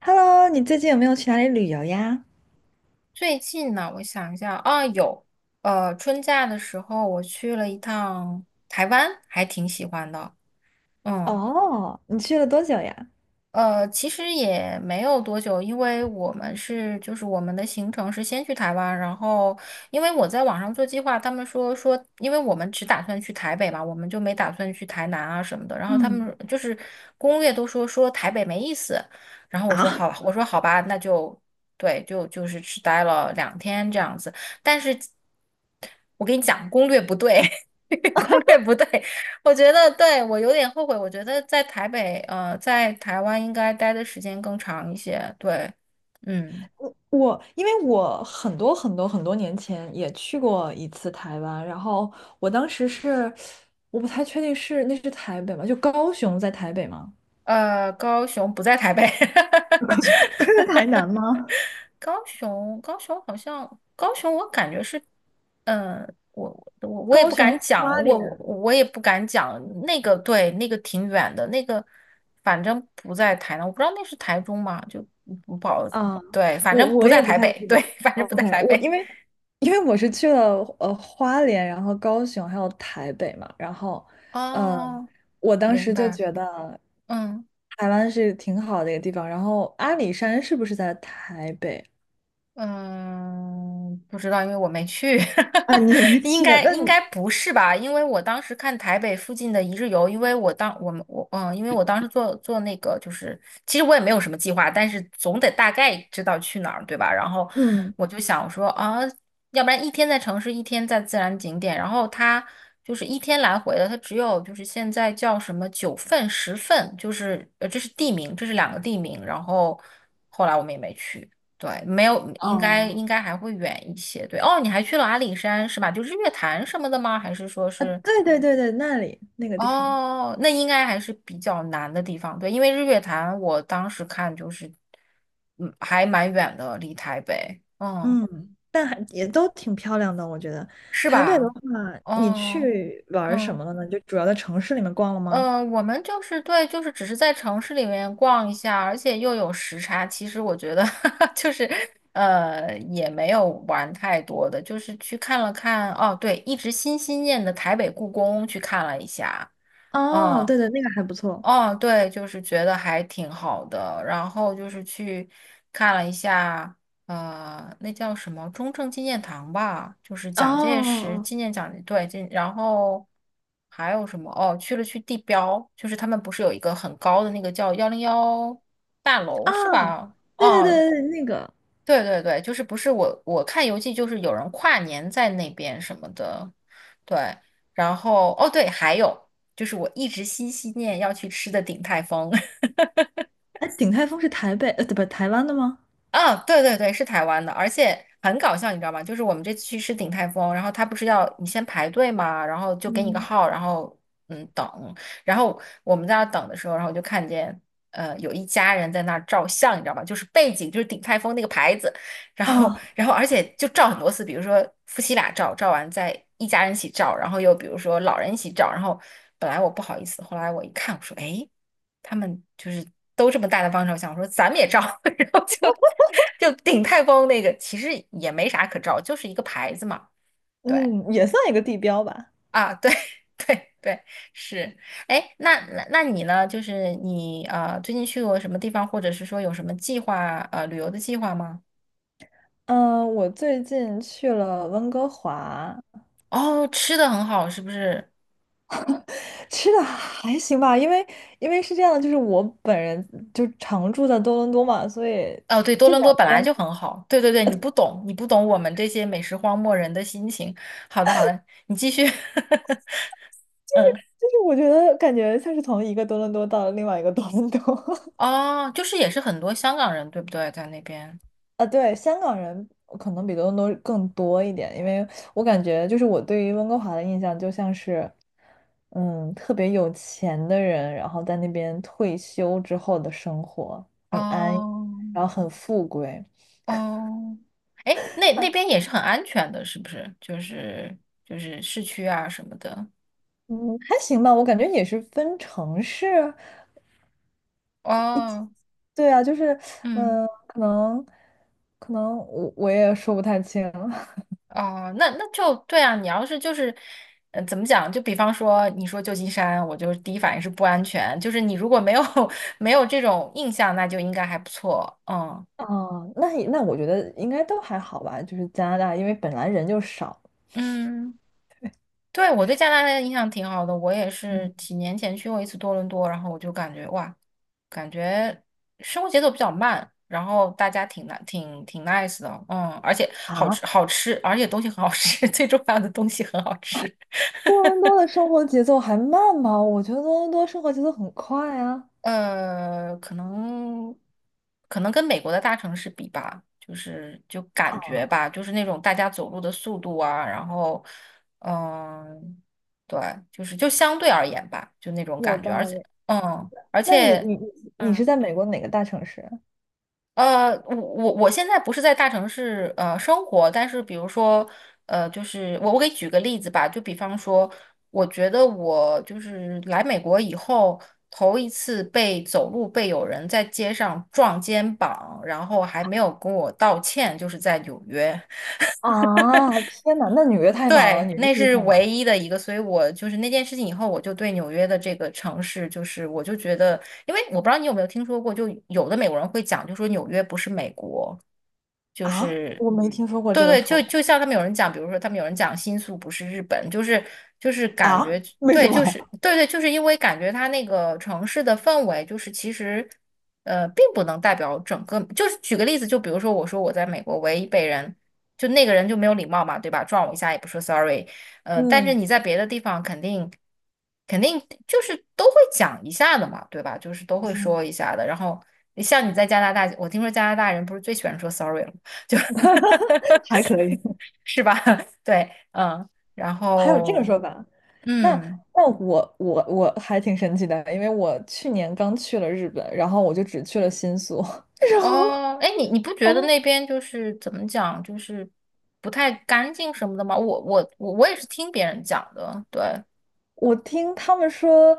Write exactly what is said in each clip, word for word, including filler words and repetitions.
Hello，你最近有没有去哪里旅游呀？最近呢，我想一下啊，有，呃，春假的时候我去了一趟台湾，还挺喜欢的。嗯。哦，你去了多久呀？呃，其实也没有多久，因为我们是就是我们的行程是先去台湾，然后因为我在网上做计划，他们说说，因为我们只打算去台北嘛，我们就没打算去台南啊什么的，然后他嗯，们就是攻略都说说台北没意思，然后我说啊，好，我说好吧，那就对，就就是只待了两天这样子，但是我跟你讲，攻略不对。攻略不对，我觉得对我有点后悔，我觉得在台北，呃，在台湾应该待的时间更长一些。对。嗯。我我因为我很多很多很多年前也去过一次台湾，然后我当时是，我不太确定是那是台北吗？就高雄在台北吗？呃，高雄不在台北。高雄，台南吗？高雄，高雄好像，高雄我感觉是，嗯、我我我也高不雄敢花讲，莲。我我我也不敢讲。那个，对，那个挺远的，那个反正不在台南，我不知道那是台中吗？就不不好。啊，对，反我正我不在也不台太北。记得对。了。反正不在 OK,台我北。因为，因为我是去了呃花莲，然后高雄还有台北嘛，然后，呃哦，我当明时就白。觉得嗯。台湾是挺好的一个地方。然后阿里山是不是在台北？嗯，不知道，因为我没去。啊？你 也没应去，该那应你，该不是吧？因为我当时看台北附近的一日游，因为我当我们我嗯，因为我当时做做那个，就是其实我也没有什么计划，但是总得大概知道去哪儿，对吧？然后嗯，我就想说啊，要不然一天在城市，一天在自然景点，然后它就是一天来回的，它只有就是现在叫什么九份、十份，就是呃，这是地名，这是两个地名，然后后来我们也没去。对，没有，应该哦，应该还会远一些。对。哦，你还去了阿里山是吧？就日月潭什么的吗？还是说啊，是？对对对对，那里那个地方，哦，那应该还是比较难的地方。对，因为日月潭我当时看就是，嗯，还蛮远的，离台北，嗯，嗯，但还也都挺漂亮的，我觉得。是台北的吧？话，你哦。去玩儿什嗯。么了呢？就主要在城市里面逛了嗯吗？呃，我们就是对，就是只是在城市里面逛一下，而且又有时差。其实我觉得 就是呃，也没有玩太多的，就是去看了看。哦，对，一直心心念的台北故宫去看了一下。哦，嗯。对对，那个还不错。哦，对，就是觉得还挺好的。然后就是去看了一下，呃，那叫什么中正纪念堂吧，就是哦蒋介石哦，纪念蒋，对，纪然后还有什么？哦，去了去地标，就是他们不是有一个很高的那个叫幺零幺大哦楼是啊，吧？对对哦，对对，那个，对对对，就是不是我我看游记就是有人跨年在那边什么的。对，然后哦对，还有就是我一直心心念要去吃的鼎泰丰。哎，鼎泰丰是台北，呃，不，台湾的吗？啊，对对对，是台湾的，而且很搞笑，你知道吗？就是我们这次去吃鼎泰丰，然后他不是要你先排队嘛，然后就给你个嗯，号，然后嗯等，然后我们在那儿等的时候，然后我就看见呃有一家人在那儿照相，你知道吗？就是背景就是鼎泰丰那个牌子，然后啊，然后而且就照很多次，比如说夫妻俩照，照完再一家人一起照，然后又比如说老人一起照，然后本来我不好意思，后来我一看，我说哎。诶他们就是都这么大的帮手，想说咱们也照。然后就就鼎泰丰那个其实也没啥可照，就是一个牌子嘛。对嗯，也算一个地标吧。啊，对 对对，是。哎，那那那你呢？就是你啊，最近去过什么地方，或者是说有什么计划呃旅游的计划吗？嗯，我最近去了温哥华，哦，吃的很好，是不是？吃的还行吧，因为，因为是这样的，就是我本人就常住在多伦多嘛，所以哦，对，多这伦多两本来边，就很好。对对对，你不懂，你不懂我们这些美食荒漠人的心情。好的好的，你继续。嗯。就是我觉得感觉像是从一个多伦多到了另外一个多伦多。哦，就是也是很多香港人，对不对？在那边。啊，对，香港人可能比多伦多更多一点，因为我感觉就是我对于温哥华的印象就像是，嗯，特别有钱的人，然后在那边退休之后的生活很安逸，哦然后很富贵。哦。哎，那那边也是很安全的，是不是？就是就是市区啊什么的。嗯，还行吧，我感觉也是分城市，哦。对啊，就是，嗯。嗯，可能，可能我我也说不太清。哦，那那就对啊。你要是就是，呃，怎么讲？就比方说，你说旧金山，我就第一反应是不安全。就是你如果没有 没有这种印象，那就应该还不错。嗯哦，那也，那我觉得应该都还好吧，就是加拿大，因为本来人就少。嗯。对，我对加拿大的印象挺好的，我也是嗯，几年前去过一次多伦多，然后我就感觉哇，感觉生活节奏比较慢，然后大家挺 n 挺挺 nice 的，嗯，而且好啊，吃好吃，而且东西很好吃。最重要的东西很好吃。多伦多的生活节奏还慢吗？我觉得多伦多生活节奏很快啊。呃，可能可能跟美国的大城市比吧，就是就感觉啊，吧，就是那种大家走路的速度啊，然后嗯，对，就是就相对而言吧，就那种有，嗯，感觉，而道且理。嗯，而那你且。你你你是嗯。在美国哪个大城市？呃，我我我现在不是在大城市呃生活，但是比如说，呃，就是我我给举个例子吧，就比方说，我觉得我就是来美国以后，头一次被走路被有人在街上撞肩膀，然后还没有跟我道歉，就是在纽约。啊，天哪，那纽约太忙了，对，纽约那确实是太忙唯了。一的一个，所以我就是那件事情以后，我就对纽约的这个城市，就是我就觉得，因为我不知道你有没有听说过，就有的美国人会讲，就说纽约不是美国，就啊，是，我没听说过这对个对，说就就法。像他们有人讲，比如说他们有人讲新宿不是日本，就是就是感啊，觉。 为对，什么？就是 对对，就是因为感觉它那个城市的氛围，就是其实呃并不能代表整个，就是举个例子，就比如说我说我在美国为一被人。就那个人就没有礼貌嘛，对吧？撞我一下也不说 sorry,呃，但是你嗯在别的地方肯定肯定就是都会讲一下的嘛，对吧？就是都会嗯，说一下的。然后像你在加拿大，我听说加拿大人不是最喜欢说 sorry 了吗，就 还可以。 是吧？对。嗯。然 还有这个后说法。那，嗯，那我我我还挺神奇的，因为我去年刚去了日本，然后我就只去了新宿，然后，哦，哎，你你不觉然得后。那边就是怎么讲，就是不太干净什么的吗？我我我我也是听别人讲的。对。我听他们说，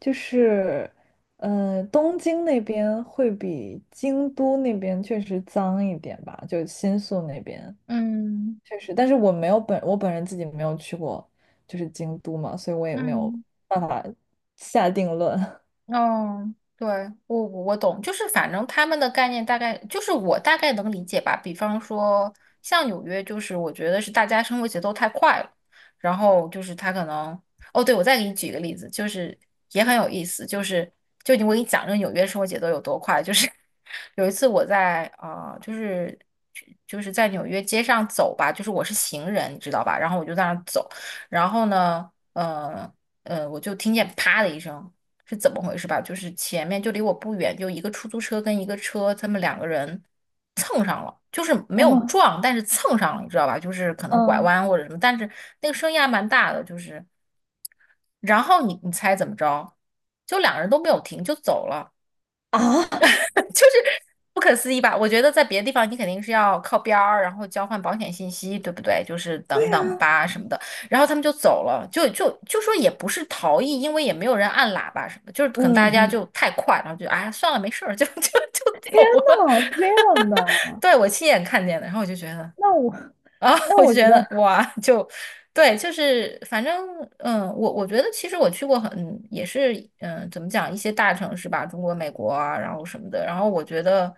就是，呃，东京那边会比京都那边确实脏一点吧，就新宿那边嗯确实，但是我没有，本，我本人自己没有去过，就是京都嘛，所以我也没有嗯。办法下定论。 嗯，对，我我我懂，就是反正他们的概念大概就是我大概能理解吧。比方说，像纽约，就是我觉得是大家生活节奏太快了，然后就是他可能，哦，对，我再给你举一个例子，就是也很有意思，就是就我给你讲这个纽约生活节奏有多快，就是 有一次我在啊、呃就是就是在纽约街上走吧，就是我是行人，你知道吧？然后我就在那儿走，然后呢，呃呃，我就听见啪的一声。是怎么回事吧？就是前面就离我不远，就一个出租车跟一个车，他们两个人蹭上了，就是没然有后，撞，但是蹭上了，你知道吧？就是可能拐嗯，弯或者什么，但是那个声音还蛮大的，就是，然后你你猜怎么着？就两个人都没有停就走了。啊。就是不可思议吧？我觉得在别的地方你肯定是要靠边儿，然后交换保险信息，对不对？就是等等吧什么的，然后他们就走了，就就就说也不是逃逸，因为也没有人按喇叭什么的就是可能嗯大家就嗯，太快，然后就哎算了没事儿，就就就天走了。呐，这 样的，对，我亲眼看见的，然后我就觉得那，我，啊。那我我就觉觉得，得哇，就对，就是反正嗯，我我觉得其实我去过很也是嗯，怎么讲一些大城市吧，中国、美国啊，然后什么的，然后我觉得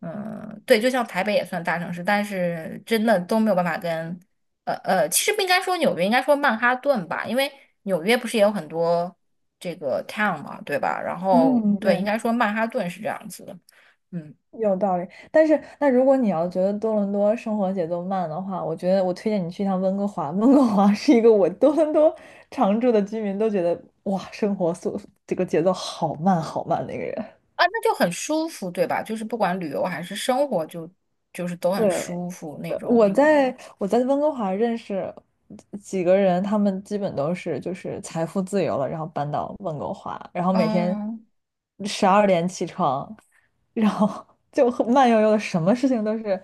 嗯，对，就像台北也算大城市，但是真的都没有办法跟呃呃，其实不应该说纽约，应该说曼哈顿吧，因为纽约不是也有很多这个 town 嘛，对吧？然后嗯，对，应对，该说曼哈顿是这样子的。嗯。有道理，但是那如果你要觉得多伦多生活节奏慢的话，我觉得我推荐你去一趟温哥华。温哥华是一个我多伦多常住的居民都觉得哇，生活速，这个节奏好慢好慢的一个人。啊，那就很舒服，对吧？就是不管旅游还是生活就，就是都对。很舒服那对，我种。在我在温哥华认识几个人，他们基本都是就是财富自由了，然后搬到温哥华，然后每天嗯十二点起床，然后 就很慢悠悠的，什么事情都是，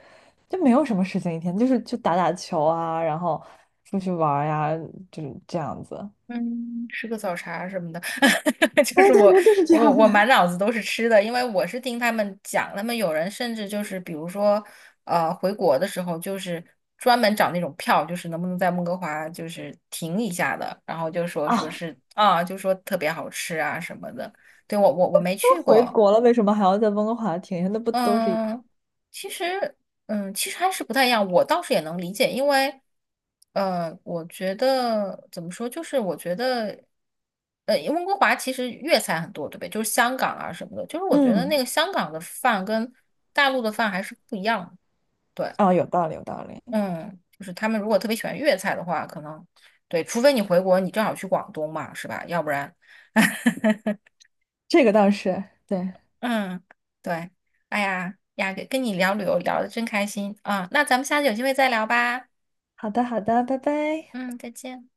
就没有什么事情一天，就是去打打球啊，然后出去玩儿呀，就是这样子。嗯，吃个早茶什么的。就对是对我对，就是这我样我满的。脑子都是吃的，因为我是听他们讲，他们有人甚至就是比如说，呃，回国的时候就是专门找那种票，就是能不能在温哥华就是停一下的，然后就说说啊！是啊，就说特别好吃啊什么的。对，我我我没 去都回过。国了，为什么还要在温哥华停下？那不都是一，嗯，其实，嗯，其实还是不太一样。我倒是也能理解，因为，呃，我觉得怎么说，就是我觉得，呃，温哥华其实粤菜很多，对不对？就是香港啊什么的，就是我觉得那嗯，个香港的饭跟大陆的饭还是不一样的。对。哦，有道理，有道理，嗯，就是他们如果特别喜欢粤菜的话，可能对，除非你回国，你正好去广东嘛，是吧？要不然。这个倒是对。嗯，对，哎呀呀，跟跟你聊旅游聊的真开心啊，那咱们下次有机会再聊吧。好的，好的，拜拜。嗯，再见。